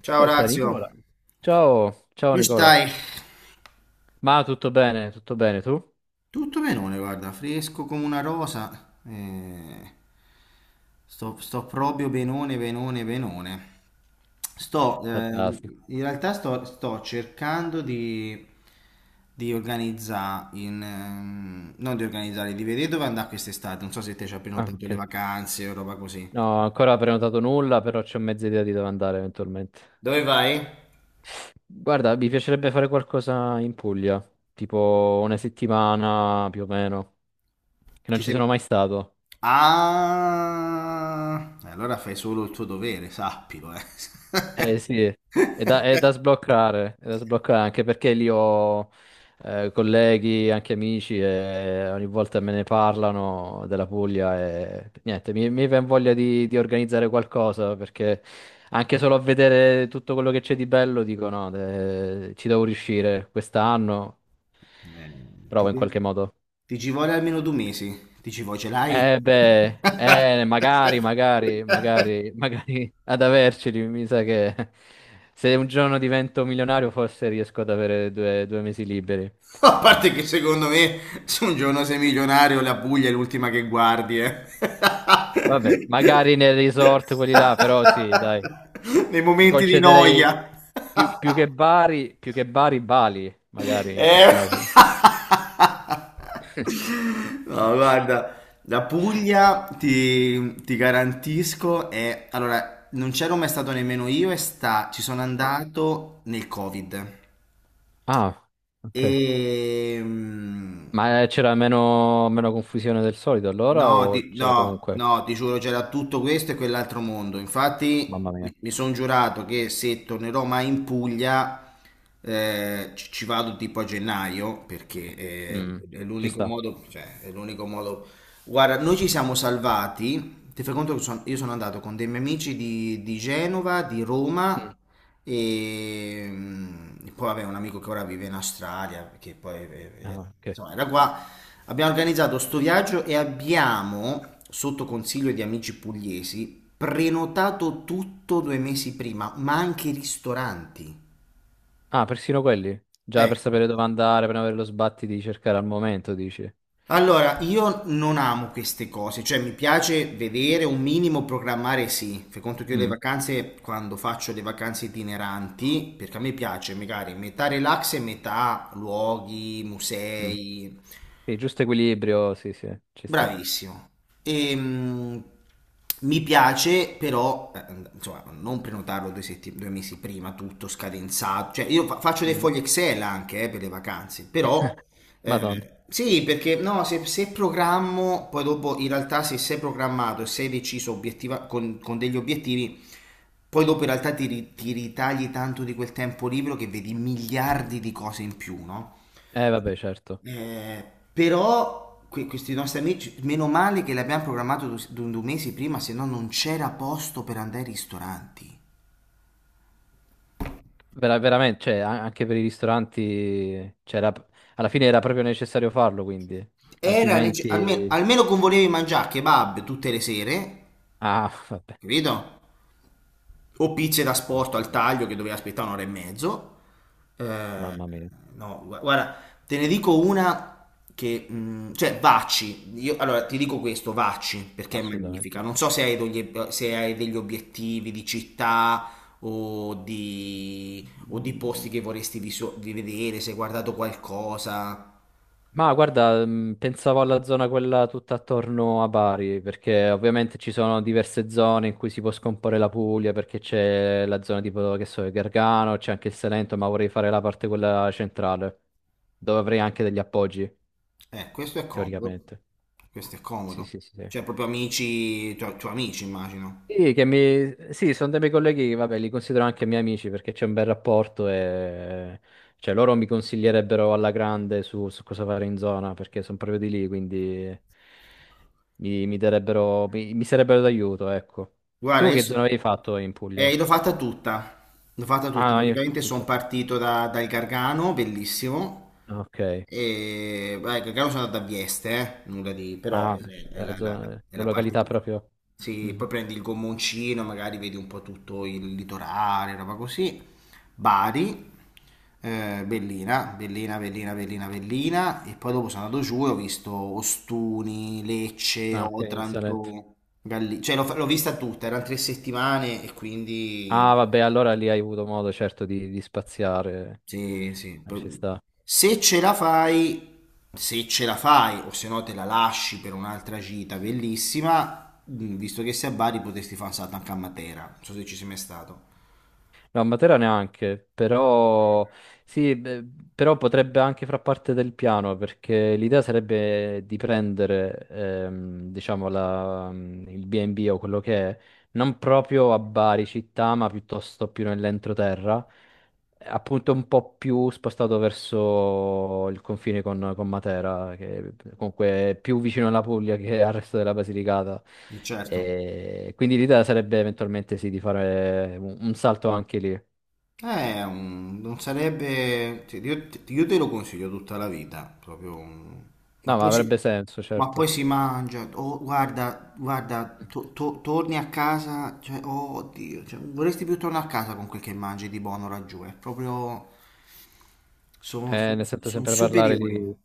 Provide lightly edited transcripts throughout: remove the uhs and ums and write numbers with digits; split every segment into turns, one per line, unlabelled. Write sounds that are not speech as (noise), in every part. Ciao
Ascolta
Orazio,
Nicola. Ciao, ciao
come
Nicola.
stai?
Ma tutto bene tu?
Tutto benone, guarda, fresco come una rosa. Sto proprio benone, benone, benone. Sto, ehm,
Fantastico.
in realtà sto cercando di organizzare, non di organizzare, di vedere dove andare quest'estate. Non so se te ci hai
Ah,
prenotato le
ok.
vacanze o roba così.
No, ancora prenotato nulla, però c'ho mezza idea di dove andare eventualmente.
Dove vai?
Guarda, mi piacerebbe fare qualcosa in Puglia, tipo una settimana più o meno, che non
Ci
ci
sei,
sono mai stato.
Ah, e allora fai solo il tuo dovere, sappilo, eh.
Eh sì,
(laughs)
è da sbloccare anche perché lì ho colleghi, anche amici e ogni volta me ne parlano della Puglia e niente, mi viene voglia di organizzare qualcosa perché anche solo a vedere tutto quello che c'è di bello dico no, ci devo riuscire quest'anno,
Eh, ti,
provo in
ci
qualche
vo-
modo.
ti ci vuole almeno 2 mesi. Ti ci vuoi, ce l'hai?
Eh beh, magari,
(laughs)
magari, magari, magari (laughs) ad averceli, mi sa che (laughs) se un giorno divento milionario forse riesco ad avere due mesi liberi.
A parte che secondo me, se un giorno sei milionario, la Puglia è l'ultima che guardi, eh.
Vabbè, magari nel resort quelli
(laughs)
là, però sì, dai,
Nei
mi
momenti di
concederei
noia.
più che Bari, Bali, magari in quel
Eh,
caso.
(laughs)
(laughs)
No, guarda, la Puglia ti garantisco è. Allora, non c'ero mai stato nemmeno io ci sono andato nel Covid.
Ah, ok.
E... mm,
C'era meno confusione del solito allora
No,
o c'era
no,
comunque?
no, ti giuro, c'era tutto questo e quell'altro mondo. Infatti,
Mamma mia.
sono giurato che se tornerò mai in Puglia, ci vado tipo a gennaio, perché
Mm,
è
ci
l'unico
sta.
modo, cioè, è l'unico modo. Guarda, noi ci siamo salvati. Ti fai conto che io sono andato con dei miei amici di Genova, di Roma
Mm.
e, poi vabbè, un amico che ora vive in Australia, che poi
Ah, ok.
insomma, era qua. Abbiamo organizzato sto viaggio e abbiamo, sotto consiglio di amici pugliesi, prenotato tutto 2 mesi prima, ma anche i ristoranti.
Ah, persino quelli? Già per
Ecco.
sapere dove andare, per non avere lo sbatti di cercare al momento, dici?
Allora, io non amo queste cose, cioè mi piace vedere un minimo programmare, sì. Fai conto che io le
Mm,
vacanze, quando faccio le vacanze itineranti, perché a me piace magari metà relax e metà luoghi,
mm.
musei.
Sì, giusto equilibrio, sì, sì, ci sta.
Bravissimo. Ehm, Mi piace però, insomma, non prenotarlo 2 mesi prima, tutto scadenzato. Cioè, io faccio dei
Mm.
fogli Excel anche per le vacanze, però
Madonna.
sì, perché no, se programmo, poi dopo in realtà se sei programmato e sei deciso con degli obiettivi, poi dopo in realtà ti ritagli tanto di quel tempo libero che vedi miliardi di cose in più, no?
Vabbè, certo.
Eh, però questi nostri amici, meno male che l'abbiamo programmato 2 mesi prima, se no non c'era posto per andare ai ristoranti.
E veramente, cioè, anche per i ristoranti, c'era alla fine era proprio necessario farlo, quindi.
Era
Altrimenti...
almeno, con volevi mangiare kebab tutte le sere,
Ah, (laughs) vabbè,
capito? O pizze da sporto al
caspita,
taglio che doveva aspettare un'ora e mezzo. Eh,
mamma mia,
no, guarda, te ne dico una che, cioè, Vacci. Io, allora, ti dico questo, Vacci, perché è magnifica.
assolutamente.
Non so se hai degli obiettivi di città o o di posti che vorresti di vedere, se hai guardato qualcosa.
Ma guarda, pensavo alla zona quella tutta attorno a Bari, perché ovviamente ci sono diverse zone in cui si può scomporre la Puglia, perché c'è la zona tipo, che so, il Gargano, c'è anche il Salento, ma vorrei fare la parte quella centrale, dove avrei anche degli appoggi,
Questo è comodo.
teoricamente.
Questo è
Sì,
comodo.
sì, sì, sì.
Cioè, proprio amici, tu, amici, immagino.
Sì, che mi... sì, sono dei miei colleghi, che, vabbè, li considero anche miei amici perché c'è un bel rapporto e cioè, loro mi consiglierebbero alla grande su cosa fare in zona perché sono proprio di lì, quindi mi darebbero, mi sarebbero d'aiuto, ecco.
Guarda,
Tu che
adesso.
zona avevi fatto in Puglia?
L'ho fatta tutta,
Ah, no, io
praticamente sono
tutto.
partito dal Gargano, bellissimo,
Ah, ok.
e beh, il Gargano sono andato a Vieste, nulla di, però
Ah, beh,
è la, la- è
la
la parte
località
più.
proprio.
Sì, poi
Mhm.
prendi il gommoncino, magari vedi un po' tutto il litorale, roba così, Bari, Bellina, Bellina, Bellina, Bellina, Bellina e poi dopo sono andato giù e ho visto Ostuni, Lecce,
Ah, ok, in Salento.
Otranto, Galli, cioè l'ho vista tutta, erano 3 settimane e quindi
Ah, vabbè, allora lì hai avuto modo certo di spaziare.
sì, sì.
Ci sta.
Se ce la fai, Se ce la fai o se no te la lasci per un'altra gita bellissima, visto che sei a Bari potresti fare un salto anche a Matera, non so se ci sei mai stato.
No, a Matera neanche, però sì, beh, però potrebbe anche far parte del piano perché l'idea sarebbe di prendere, diciamo, il B&B o quello che è, non proprio a Bari città, ma piuttosto più nell'entroterra, appunto un po' più spostato verso il confine con Matera, che comunque è più vicino alla Puglia che al resto della Basilicata.
Certo.
E quindi l'idea sarebbe eventualmente sì, di fare un salto anche lì.
Non sarebbe. Io te lo consiglio tutta la vita, proprio. Ma
No, ma
poi
avrebbe
si,
senso,
ma poi
certo.
si mangia, oh, guarda, torni a casa, cioè, oh, oddio, cioè, vorresti più tornare a casa con quel che mangi di buono laggiù, è proprio.
Ne sento
Sono
sempre parlare
superiori.
lì.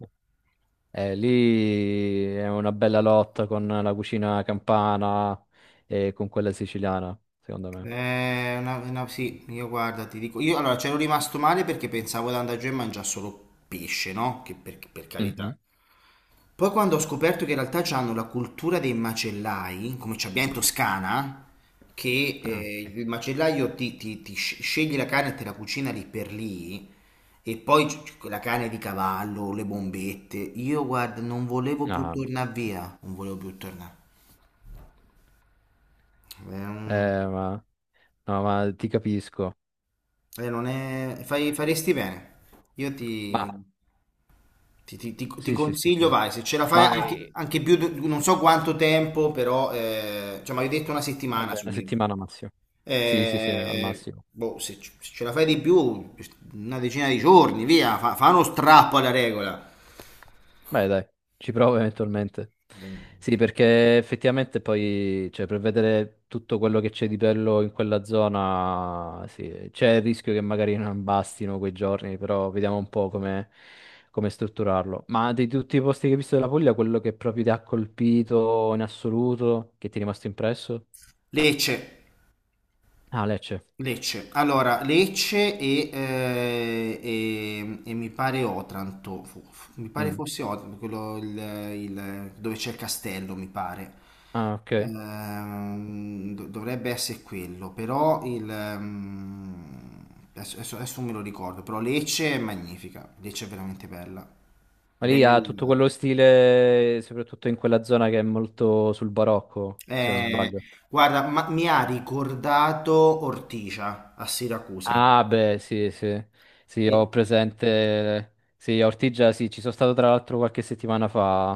Lì è una bella lotta con la cucina campana e con quella siciliana, secondo me.
Sì, io guarda, ti dico, io allora c'ero rimasto male perché pensavo di andare giù e mangiare solo pesce, no? Che per carità.
Mhm.
Poi quando ho scoperto che in realtà hanno la cultura dei macellai, come ci abbiamo in Toscana, che
Ah, ok.
il macellaio sceglie la carne e te la cucina lì per lì, e poi la carne di cavallo, le bombette, io guarda non volevo
No,
più
vabbè.
tornare via, non volevo più tornare. È un-
Ma no, ma ti capisco.
non è- fai- faresti bene. Io ti,
Ma
ti- ti- ti- ti
sì, sì, sì,
consiglio,
sì.
vai, se ce la fai
Ma eh,
anche più, non so quanto tempo, però, cioè, mi hai detto una
eh
settimana
beh,
su
una
un'isola.
settimana massimo. Sì, sì, sì, al massimo.
Boh, se ce la fai di più, una decina di giorni, via, fa uno strappo alla regola.
Beh, dai, ci provo eventualmente. Sì, perché effettivamente poi, cioè, per vedere tutto quello che c'è di bello in quella zona, sì, c'è il rischio che magari non bastino quei giorni, però vediamo un po' come, come strutturarlo. Ma di tutti i posti che hai visto della Puglia, quello che proprio ti ha colpito in assoluto, che ti è rimasto impresso?
Lecce.
Ah, Lecce.
Lecce, allora Lecce e mi pare Otranto, mi pare
Mm.
fosse Otranto, quello dove c'è il castello, mi pare.
Ah, ok.
Dovrebbe essere quello, però adesso, adesso non me lo ricordo, però Lecce è magnifica, Lecce è veramente bella.
Ma lì ha tutto
Bella.
quello stile, soprattutto in quella zona che è molto sul barocco, se non
Eh,
sbaglio.
Guarda, mi ha ricordato Ortigia a Siracusa.
Ah, beh, sì, sì, sì, ho presente. Sì, a Ortigia, sì, ci sono stato tra l'altro qualche settimana fa.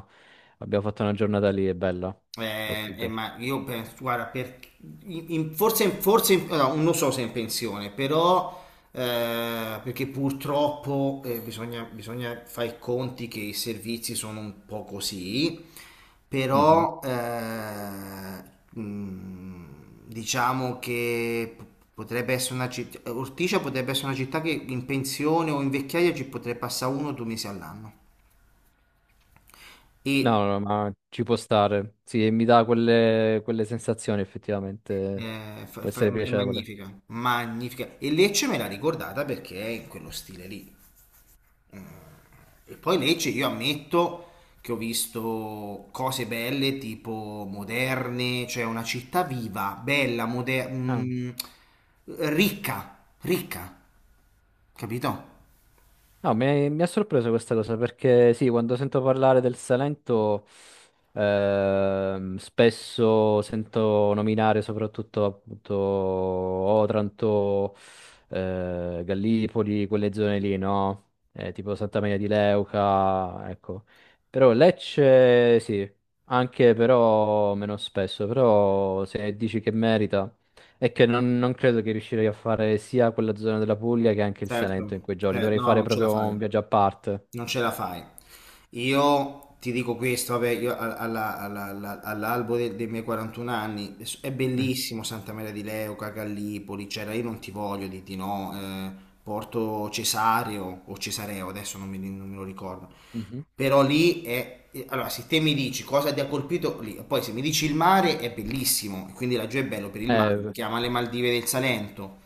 Abbiamo fatto una giornata lì, è bella. Ortigia.
Ma io penso, guarda, no, non so se è in pensione, però perché purtroppo bisogna fare i conti che i servizi sono un po' così,
Mhm.
però mh, diciamo che potrebbe essere una città, Ortigia potrebbe essere una città che in pensione o in vecchiaia ci potrebbe passare 1 o 2 mesi all'anno. E
No, no, ma ci può stare. Sì, e mi dà quelle, quelle sensazioni, effettivamente.
È, fa-
Può essere
fa- è
piacevole.
magnifica, magnifica. E Lecce me l'ha ricordata perché è in quello stile lì. E poi Lecce, io ammetto che ho visto cose belle, tipo moderne, cioè una città viva, bella, moderna,
Ah.
ricca, ricca, capito?
No, mi ha sorpreso questa cosa perché sì, quando sento parlare del Salento, spesso sento nominare soprattutto appunto Otranto, Gallipoli, quelle zone lì, no? Tipo Santa Maria di Leuca, ecco. Però Lecce sì, anche però meno spesso, però se dici che merita, è che non, non credo che riuscirei a fare sia quella zona della Puglia che anche il Salento in
Certo,
quei giorni.
cioè,
Dovrei
no,
fare
non ce la
proprio
fai.
un viaggio a parte.
Non ce la fai. Io ti dico questo, vabbè, io a- alla- alla- alla- all'albo dei miei 41 anni è
(laughs)
bellissimo Santa Maria di Leuca, Gallipoli, c'era, io non ti voglio di no, Porto Cesario o Cesareo, adesso non me lo ricordo.
Mhm.
Però lì allora se te mi dici cosa ti ha colpito lì, poi se mi dici il mare è bellissimo, e quindi laggiù è bello per il mare, si
Eh,
chiama le Maldive del Salento.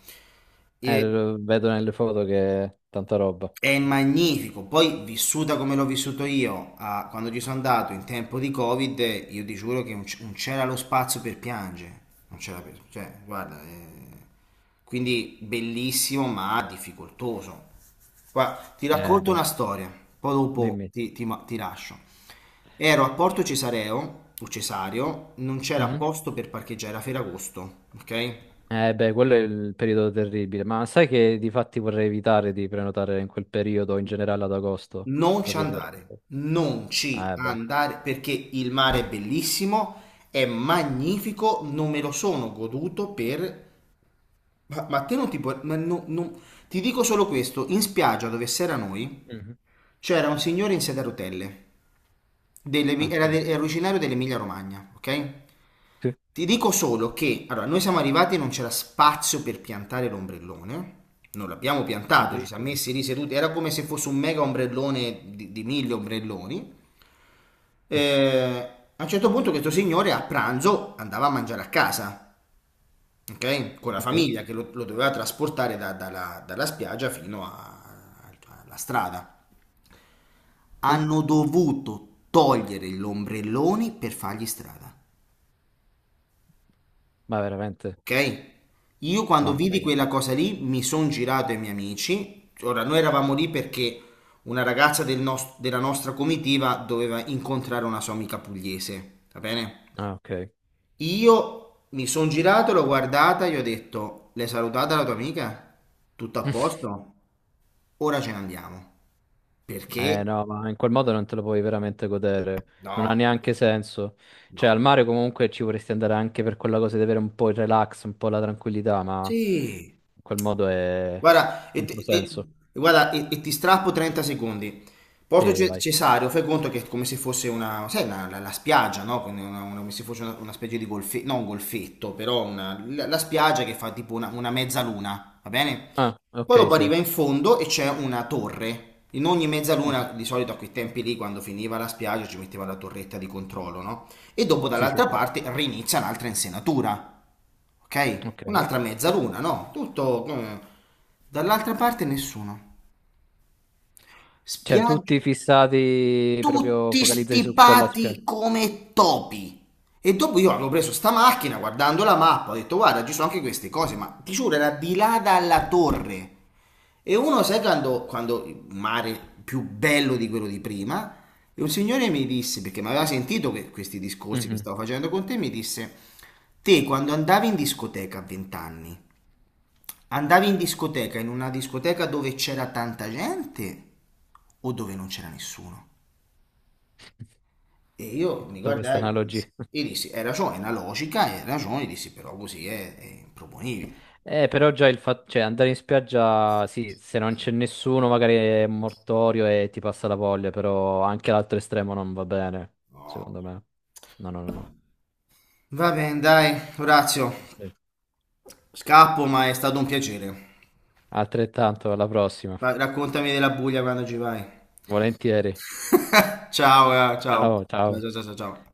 E-
lo vedo nelle foto che è tanta roba.
è magnifico, poi vissuta come l'ho vissuto io, ah, quando ci sono andato in tempo di Covid, io ti giuro che non c'era lo spazio per piangere, non c'era per, cioè, guarda, quindi bellissimo ma difficoltoso. Guarda, ti
Eh
racconto
beh,
una storia, poi dopo
dimmi.
ti lascio. Ero a Porto Cesareo, o Cesario, non c'era
Mhm.
posto per parcheggiare, era Ferragosto, ok?
Eh beh, quello è il periodo terribile. Ma sai che di fatti vorrei evitare di prenotare in quel periodo, in generale ad agosto,
Non ci
proprio per
andare,
questo.
non ci
Ah, eh beh.
andare perché il mare è bellissimo, è magnifico, non me lo sono goduto per. Ma te non ti puoi. Ti dico solo questo, in spiaggia dove si era noi
Mhm.
c'era un signore in sedia a rotelle,
Ok.
era originario dell'Emilia Romagna, ok?
Sì,
Ti dico solo che, allora, noi siamo arrivati e non c'era spazio per piantare l'ombrellone, non l'abbiamo piantato, ci siamo
addirittura.
messi lì seduti, era come se fosse un mega ombrellone di 1000 ombrelloni.
(laughs)
Eh, a un certo punto questo signore a pranzo andava a mangiare a casa, ok? Con la
Ok.
famiglia che lo doveva trasportare dalla spiaggia fino alla strada.
Sì,
Hanno dovuto togliere gli ombrelloni per fargli strada,
ma veramente,
ok? Io quando
mamma
vidi
mia.
quella cosa lì mi sono girato ai miei amici. Ora, noi eravamo lì perché una ragazza della nostra comitiva doveva incontrare una sua amica pugliese, va bene?
Ah, ok.
Io mi sono girato, l'ho guardata, gli ho detto, l'hai salutata la tua amica? Tutto a
(laughs)
posto? Ora ce ne andiamo.
Eh
Perché?
no, ma in quel modo non te lo puoi veramente godere, non ha
No,
neanche senso. Cioè,
no.
al mare comunque ci vorresti andare anche per quella cosa di avere un po' il relax, un po' la tranquillità, ma
Sì.
in quel modo è
Guarda, e, ti- e-
controsenso.
guarda, e- e ti strappo 30 secondi. Porto
Sì, vai.
Cesareo, fai conto che è come se fosse una, sai, la spiaggia, no? Quindi come se fosse una specie di golfetto, non un golfetto, però la spiaggia che fa tipo una mezzaluna, va bene?
Ah,
Poi
ok,
dopo
sì.
arriva in fondo e c'è una torre. In ogni
Mhm.
mezzaluna, di solito a quei tempi lì, quando finiva la spiaggia, ci metteva la torretta di controllo, no? E dopo
Sì, sì,
dall'altra
sì.
parte rinizia un'altra insenatura, ok?
Ok.
Un'altra
Sì.
mezzaluna, no? Tutto. Eh. Dall'altra parte nessuno.
Cioè,
Spiaggia,
tutti fissati, proprio
tutti
focalizzati su quella
stipati
spiaggia.
come topi. E dopo io avevo preso sta macchina, guardando la mappa, ho detto guarda, ci sono anche queste cose, ma ti giuro, era di là dalla torre. E uno, sai quando il mare più bello di quello di prima, e un signore mi disse, perché mi aveva sentito questi discorsi che
Mhm.
stavo facendo con te, mi disse, te quando andavi in discoteca a 20 anni, andavi in discoteca, in una discoteca dove c'era tanta gente o dove non c'era nessuno? E
Ho
io mi
fatto questa
guardai e
analogia.
dissi, hai ragione, è una logica, hai ragione, dissi, però così è improponibile.
Però già il fatto, cioè andare in spiaggia, sì, se non c'è nessuno magari è un mortorio e ti passa la voglia, però anche l'altro estremo non va bene, secondo me. No, no, no, no.
Va bene, dai, Orazio,
Beh,
scappo, ma è stato un piacere.
altrettanto, alla prossima.
Ma raccontami della Puglia quando ci vai.
Volentieri.
(laughs) Ciao, ciao.
Ciao, ciao.
Ciao, ciao, ciao, ciao.